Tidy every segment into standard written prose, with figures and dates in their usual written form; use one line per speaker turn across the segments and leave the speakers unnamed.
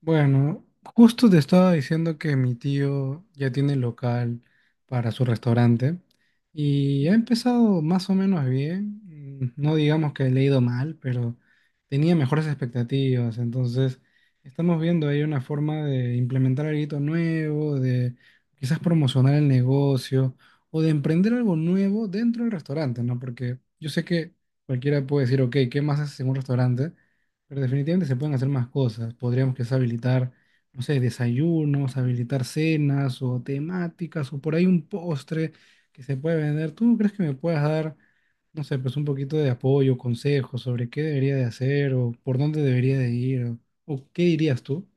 Bueno, justo te estaba diciendo que mi tío ya tiene local para su restaurante y ha empezado más o menos bien. No digamos que le ha ido mal, pero tenía mejores expectativas. Entonces, estamos viendo ahí una forma de implementar algo nuevo, de quizás promocionar el negocio o de emprender algo nuevo dentro del restaurante, ¿no? Porque yo sé que cualquiera puede decir, ok, ¿qué más haces en un restaurante? Pero definitivamente se pueden hacer más cosas. Podríamos quizás habilitar, no sé, desayunos, habilitar cenas o temáticas o por ahí un postre que se puede vender. ¿Tú crees que me puedas dar, no sé, pues un poquito de apoyo, consejos sobre qué debería de hacer o por dónde debería de ir o qué dirías tú?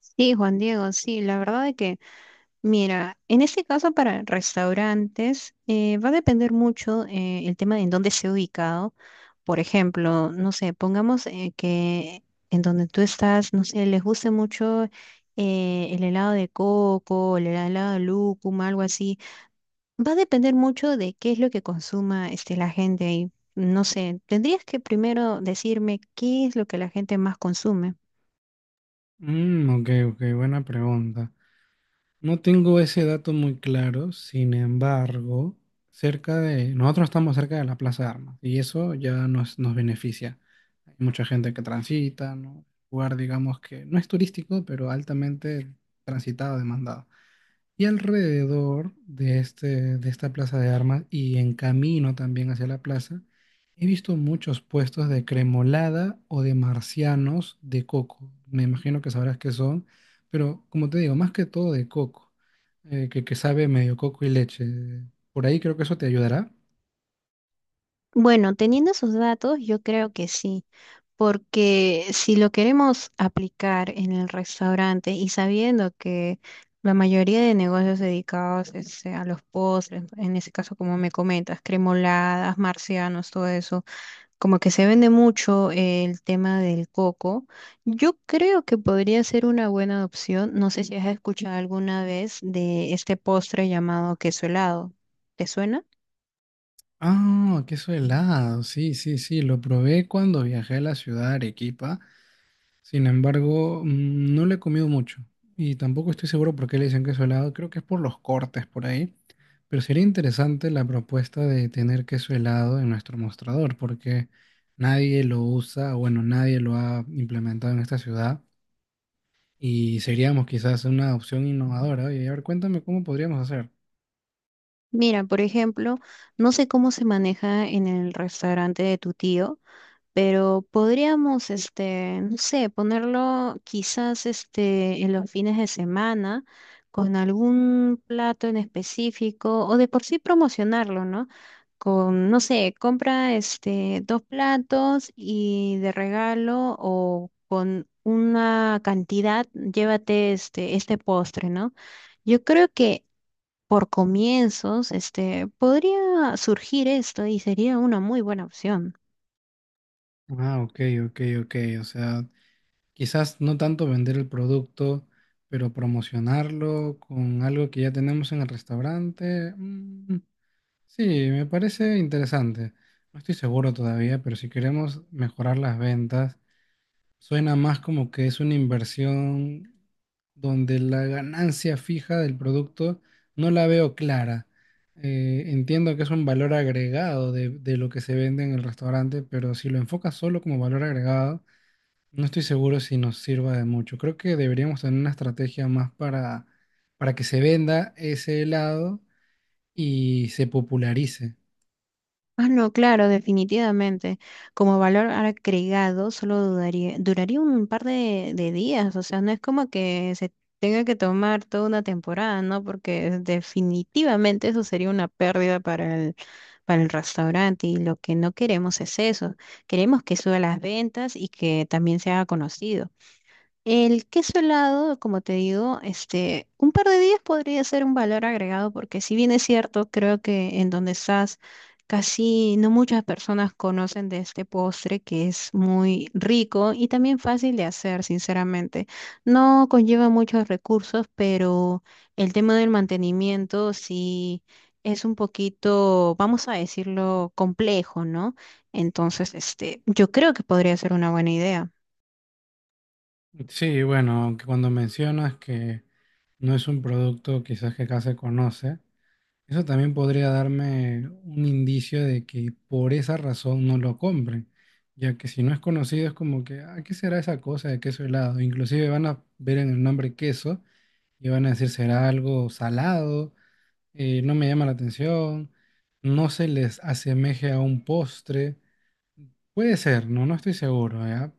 Sí, Juan Diego, sí, la verdad es que, mira, en este caso para restaurantes va a depender mucho el tema de en dónde esté ubicado. Por ejemplo, no sé, pongamos que en donde tú estás, no sé, les guste mucho el helado de coco, el helado de lúcuma, algo así. Va a depender mucho de qué es lo que consuma este, la gente ahí. No sé, tendrías que primero decirme qué es lo que la gente más consume.
Mm, ok, ok, buena pregunta. No tengo ese dato muy claro, sin embargo, nosotros estamos cerca de la Plaza de Armas y eso ya nos beneficia. Hay mucha gente que transita, ¿no? Lugar, digamos que no es turístico, pero altamente transitado, demandado. Y de esta plaza de armas y en camino también hacia la plaza, he visto muchos puestos de cremolada o de marcianos de coco. Me imagino que sabrás qué son, pero como te digo, más que todo de coco, que sabe medio coco y leche. Por ahí creo que eso te ayudará.
Bueno, teniendo esos datos, yo creo que sí. Porque si lo queremos aplicar en el restaurante y sabiendo que la mayoría de negocios dedicados este, a los postres, en ese caso como me comentas, cremoladas, marcianos, todo eso, como que se vende mucho el tema del coco, yo creo que podría ser una buena opción. No sé si has escuchado alguna vez de este postre llamado queso helado. ¿Te suena?
Ah, queso helado, sí, sí, sí, lo probé cuando viajé a la ciudad de Arequipa. Sin embargo, no le he comido mucho y tampoco estoy seguro por qué le dicen queso helado. Creo que es por los cortes por ahí. Pero sería interesante la propuesta de tener queso helado en nuestro mostrador porque nadie lo usa, o bueno, nadie lo ha implementado en esta ciudad y seríamos quizás una opción innovadora. Y a ver, cuéntame cómo podríamos hacer.
Mira, por ejemplo, no sé cómo se maneja en el restaurante de tu tío, pero podríamos, este, no sé, ponerlo quizás, este, en los fines de semana con algún plato en específico o de por sí promocionarlo, ¿no? Con, no sé, compra, este, dos platos y de regalo o con una cantidad, llévate, este postre, ¿no? Yo creo que por comienzos, este, podría surgir esto y sería una muy buena opción.
Ah, ok, ok, ok. O sea, quizás no tanto vender el producto, pero promocionarlo con algo que ya tenemos en el restaurante. Sí, me parece interesante. No estoy seguro todavía, pero si queremos mejorar las ventas, suena más como que es una inversión donde la ganancia fija del producto no la veo clara. Entiendo que es un valor agregado de lo que se vende en el restaurante, pero si lo enfocas solo como valor agregado, no estoy seguro si nos sirva de mucho. Creo que deberíamos tener una estrategia más para que se venda ese helado y se popularice.
Ah, no, claro, definitivamente. Como valor agregado, solo duraría un par de días, o sea, no es como que se tenga que tomar toda una temporada, ¿no? Porque definitivamente eso sería una pérdida para el restaurante y lo que no queremos es eso. Queremos que suba las ventas y que también se haga conocido. El queso helado, como te digo, este, un par de días podría ser un valor agregado porque si bien es cierto, creo que en donde estás casi no muchas personas conocen de este postre que es muy rico y también fácil de hacer, sinceramente. No conlleva muchos recursos, pero el tema del mantenimiento sí es un poquito, vamos a decirlo, complejo, ¿no? Entonces, este, yo creo que podría ser una buena idea.
Sí, bueno, aunque cuando mencionas que no es un producto quizás que acá se conoce, eso también podría darme un indicio de que por esa razón no lo compren, ya que si no es conocido es como que, ah, ¿qué será esa cosa de queso helado? Inclusive van a ver en el nombre queso y van a decir, ¿será algo salado? No me llama la atención, no se les asemeje a un postre. Puede ser, no, no estoy seguro, ¿ya?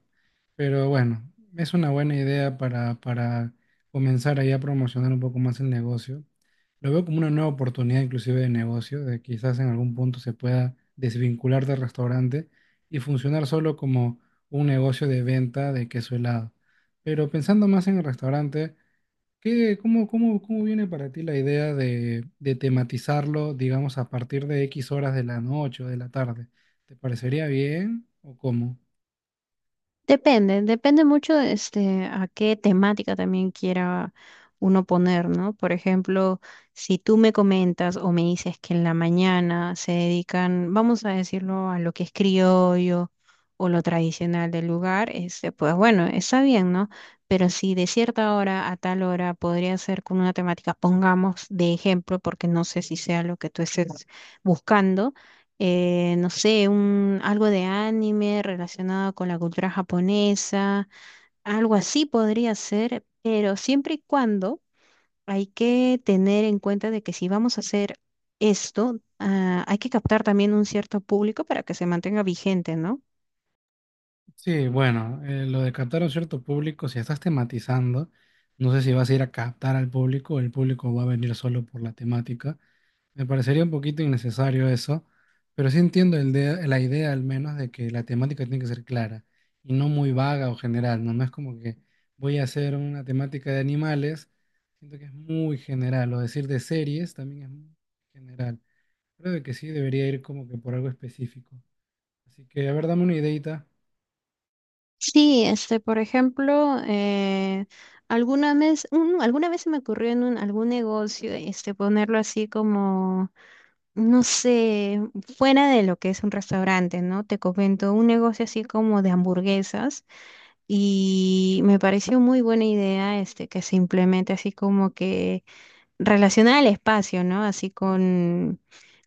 Pero bueno, es una buena idea para comenzar ahí a promocionar un poco más el negocio. Lo veo como una nueva oportunidad inclusive de negocio, de quizás en algún punto se pueda desvincular del restaurante y funcionar solo como un negocio de venta de queso helado. Pero pensando más en el restaurante, ¿Qué, cómo viene para ti la idea de tematizarlo, digamos, a partir de X horas de la noche o de la tarde? ¿Te parecería bien o cómo?
Depende, depende mucho este, a qué temática también quiera uno poner, ¿no? Por ejemplo, si tú me comentas o me dices que en la mañana se dedican, vamos a decirlo, a lo que es criollo o lo tradicional del lugar, este, pues bueno, está bien, ¿no? Pero si de cierta hora a tal hora podría ser con una temática, pongamos de ejemplo, porque no sé si sea lo que tú estés buscando no sé, un, algo de anime relacionado con la cultura japonesa, algo así podría ser, pero siempre y cuando hay que tener en cuenta de que si vamos a hacer esto, ah, hay que captar también un cierto público para que se mantenga vigente, ¿no?
Sí, bueno, lo de captar a un cierto público, si estás tematizando, no sé si vas a ir a captar al público o el público va a venir solo por la temática. Me parecería un poquito innecesario eso, pero sí entiendo la idea al menos de que la temática tiene que ser clara y no muy vaga o general, ¿no? No es como que voy a hacer una temática de animales, siento que es muy general, o decir de series también es muy general. Creo de que sí debería ir como que por algo específico. Así que, a ver, dame una ideita.
Sí, este, por ejemplo, alguna vez, alguna vez se me ocurrió en algún negocio, este, ponerlo así como no sé, fuera de lo que es un restaurante, ¿no? Te comento, un negocio así como de hamburguesas y me pareció muy buena idea este que se implemente así como que relacionada al espacio, ¿no? Así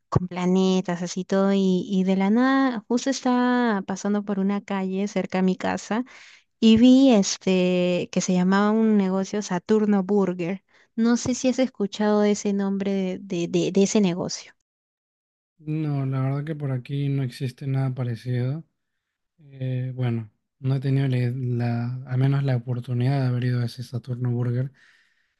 con planetas, así todo y de la nada, justo estaba pasando por una calle cerca a mi casa y vi este que se llamaba un negocio Saturno Burger. No sé si has escuchado ese nombre de de ese negocio.
No, la verdad que por aquí no existe nada parecido. Bueno, no he tenido al menos la oportunidad de haber ido a ese Saturno Burger.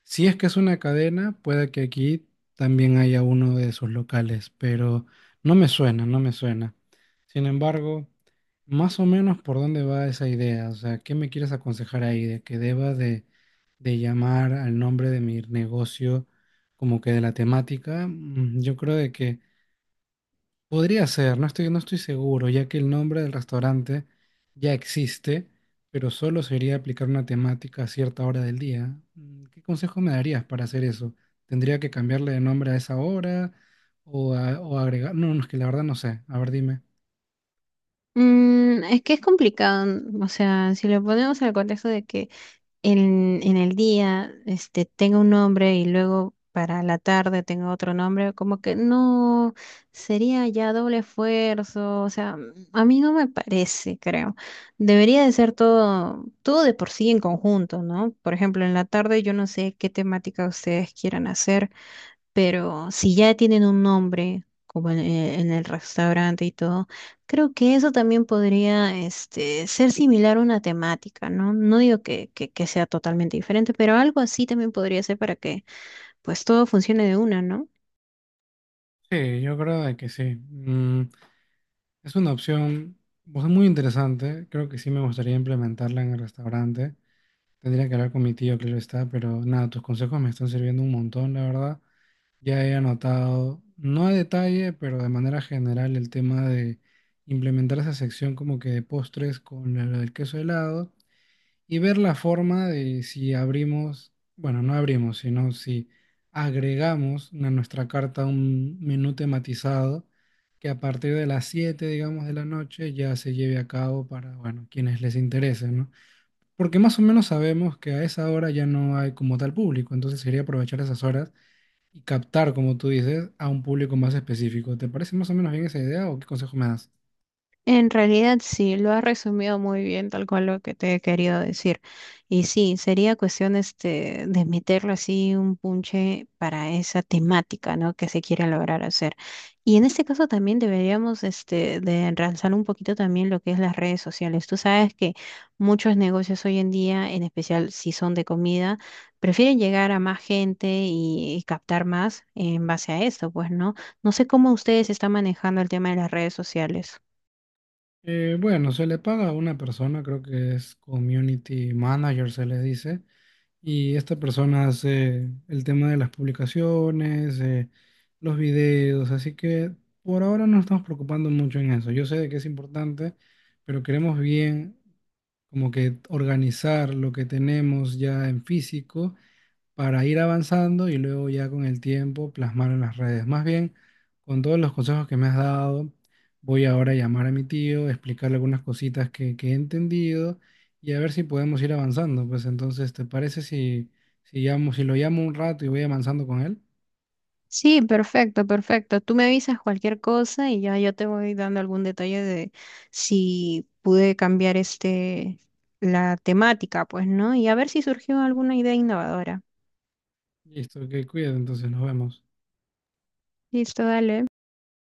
Si es que es una cadena, puede que aquí también haya uno de sus locales, pero no me suena, no me suena. Sin embargo, más o menos por dónde va esa idea, o sea, ¿qué me quieres aconsejar ahí? ¿De que deba de llamar al nombre de mi negocio como que de la temática? Mm, yo creo de que... Podría ser, no estoy seguro, ya que el nombre del restaurante ya existe, pero solo sería aplicar una temática a cierta hora del día. Mm, ¿Qué consejo me darías para hacer eso? ¿Tendría que cambiarle de nombre a esa hora o agregar? No, no, es que la verdad no sé. A ver, dime.
Mm, es que es complicado, o sea, si lo ponemos al contexto de que en el día este, tenga un nombre y luego para la tarde tenga otro nombre, como que no, sería ya doble esfuerzo, o sea, mm, a mí no me parece, creo. Debería de ser todo, todo de por sí en conjunto, ¿no? Por ejemplo, en la tarde yo no sé qué temática ustedes quieran hacer. Pero si ya tienen un nombre, como en el restaurante y todo, creo que eso también podría este, ser similar a una temática, ¿no? No digo que, que sea totalmente diferente, pero algo así también podría ser para que pues todo funcione de una, ¿no?
Sí, yo creo de que sí. Mm, es una opción pues, muy interesante. Creo que sí me gustaría implementarla en el restaurante. Tendría que hablar con mi tío, que lo está, pero nada, tus consejos me están sirviendo un montón, la verdad. Ya he anotado, no a detalle, pero de manera general, el tema de implementar esa sección como que de postres con lo del queso helado y ver la forma de si abrimos, bueno, no abrimos, sino si agregamos a nuestra carta un menú tematizado que a partir de las 7 digamos, de la noche ya se lleve a cabo para, bueno, quienes les interese, ¿no? Porque más o menos sabemos que a esa hora ya no hay como tal público, entonces sería aprovechar esas horas y captar, como tú dices, a un público más específico. ¿Te parece más o menos bien esa idea o qué consejo me das?
En realidad sí, lo has resumido muy bien, tal cual lo que te he querido decir. Y sí, sería cuestión este, de meterle así un punche para esa temática, ¿no? que se quiere lograr hacer. Y en este caso también deberíamos este, de ensalzar un poquito también lo que es las redes sociales. Tú sabes que muchos negocios hoy en día, en especial si son de comida, prefieren llegar a más gente y captar más en base a esto, pues, ¿no? No sé cómo ustedes están manejando el tema de las redes sociales.
Bueno, se le paga a una persona, creo que es community manager, se le dice, y esta persona hace el tema de las publicaciones, los videos, así que por ahora no nos estamos preocupando mucho en eso. Yo sé de que es importante, pero queremos bien como que organizar lo que tenemos ya en físico para ir avanzando y luego ya con el tiempo plasmar en las redes. Más bien, con todos los consejos que me has dado, voy ahora a llamar a mi tío, explicarle algunas cositas que he entendido y a ver si podemos ir avanzando. Pues entonces, ¿te parece si, si llamo, si lo llamo un rato y voy avanzando con él?
Sí, perfecto, perfecto. Tú me avisas cualquier cosa y ya yo te voy dando algún detalle de si pude cambiar este la temática, pues, ¿no? Y a ver si surgió alguna idea innovadora.
Listo, que cuídate, entonces nos vemos.
Listo, dale.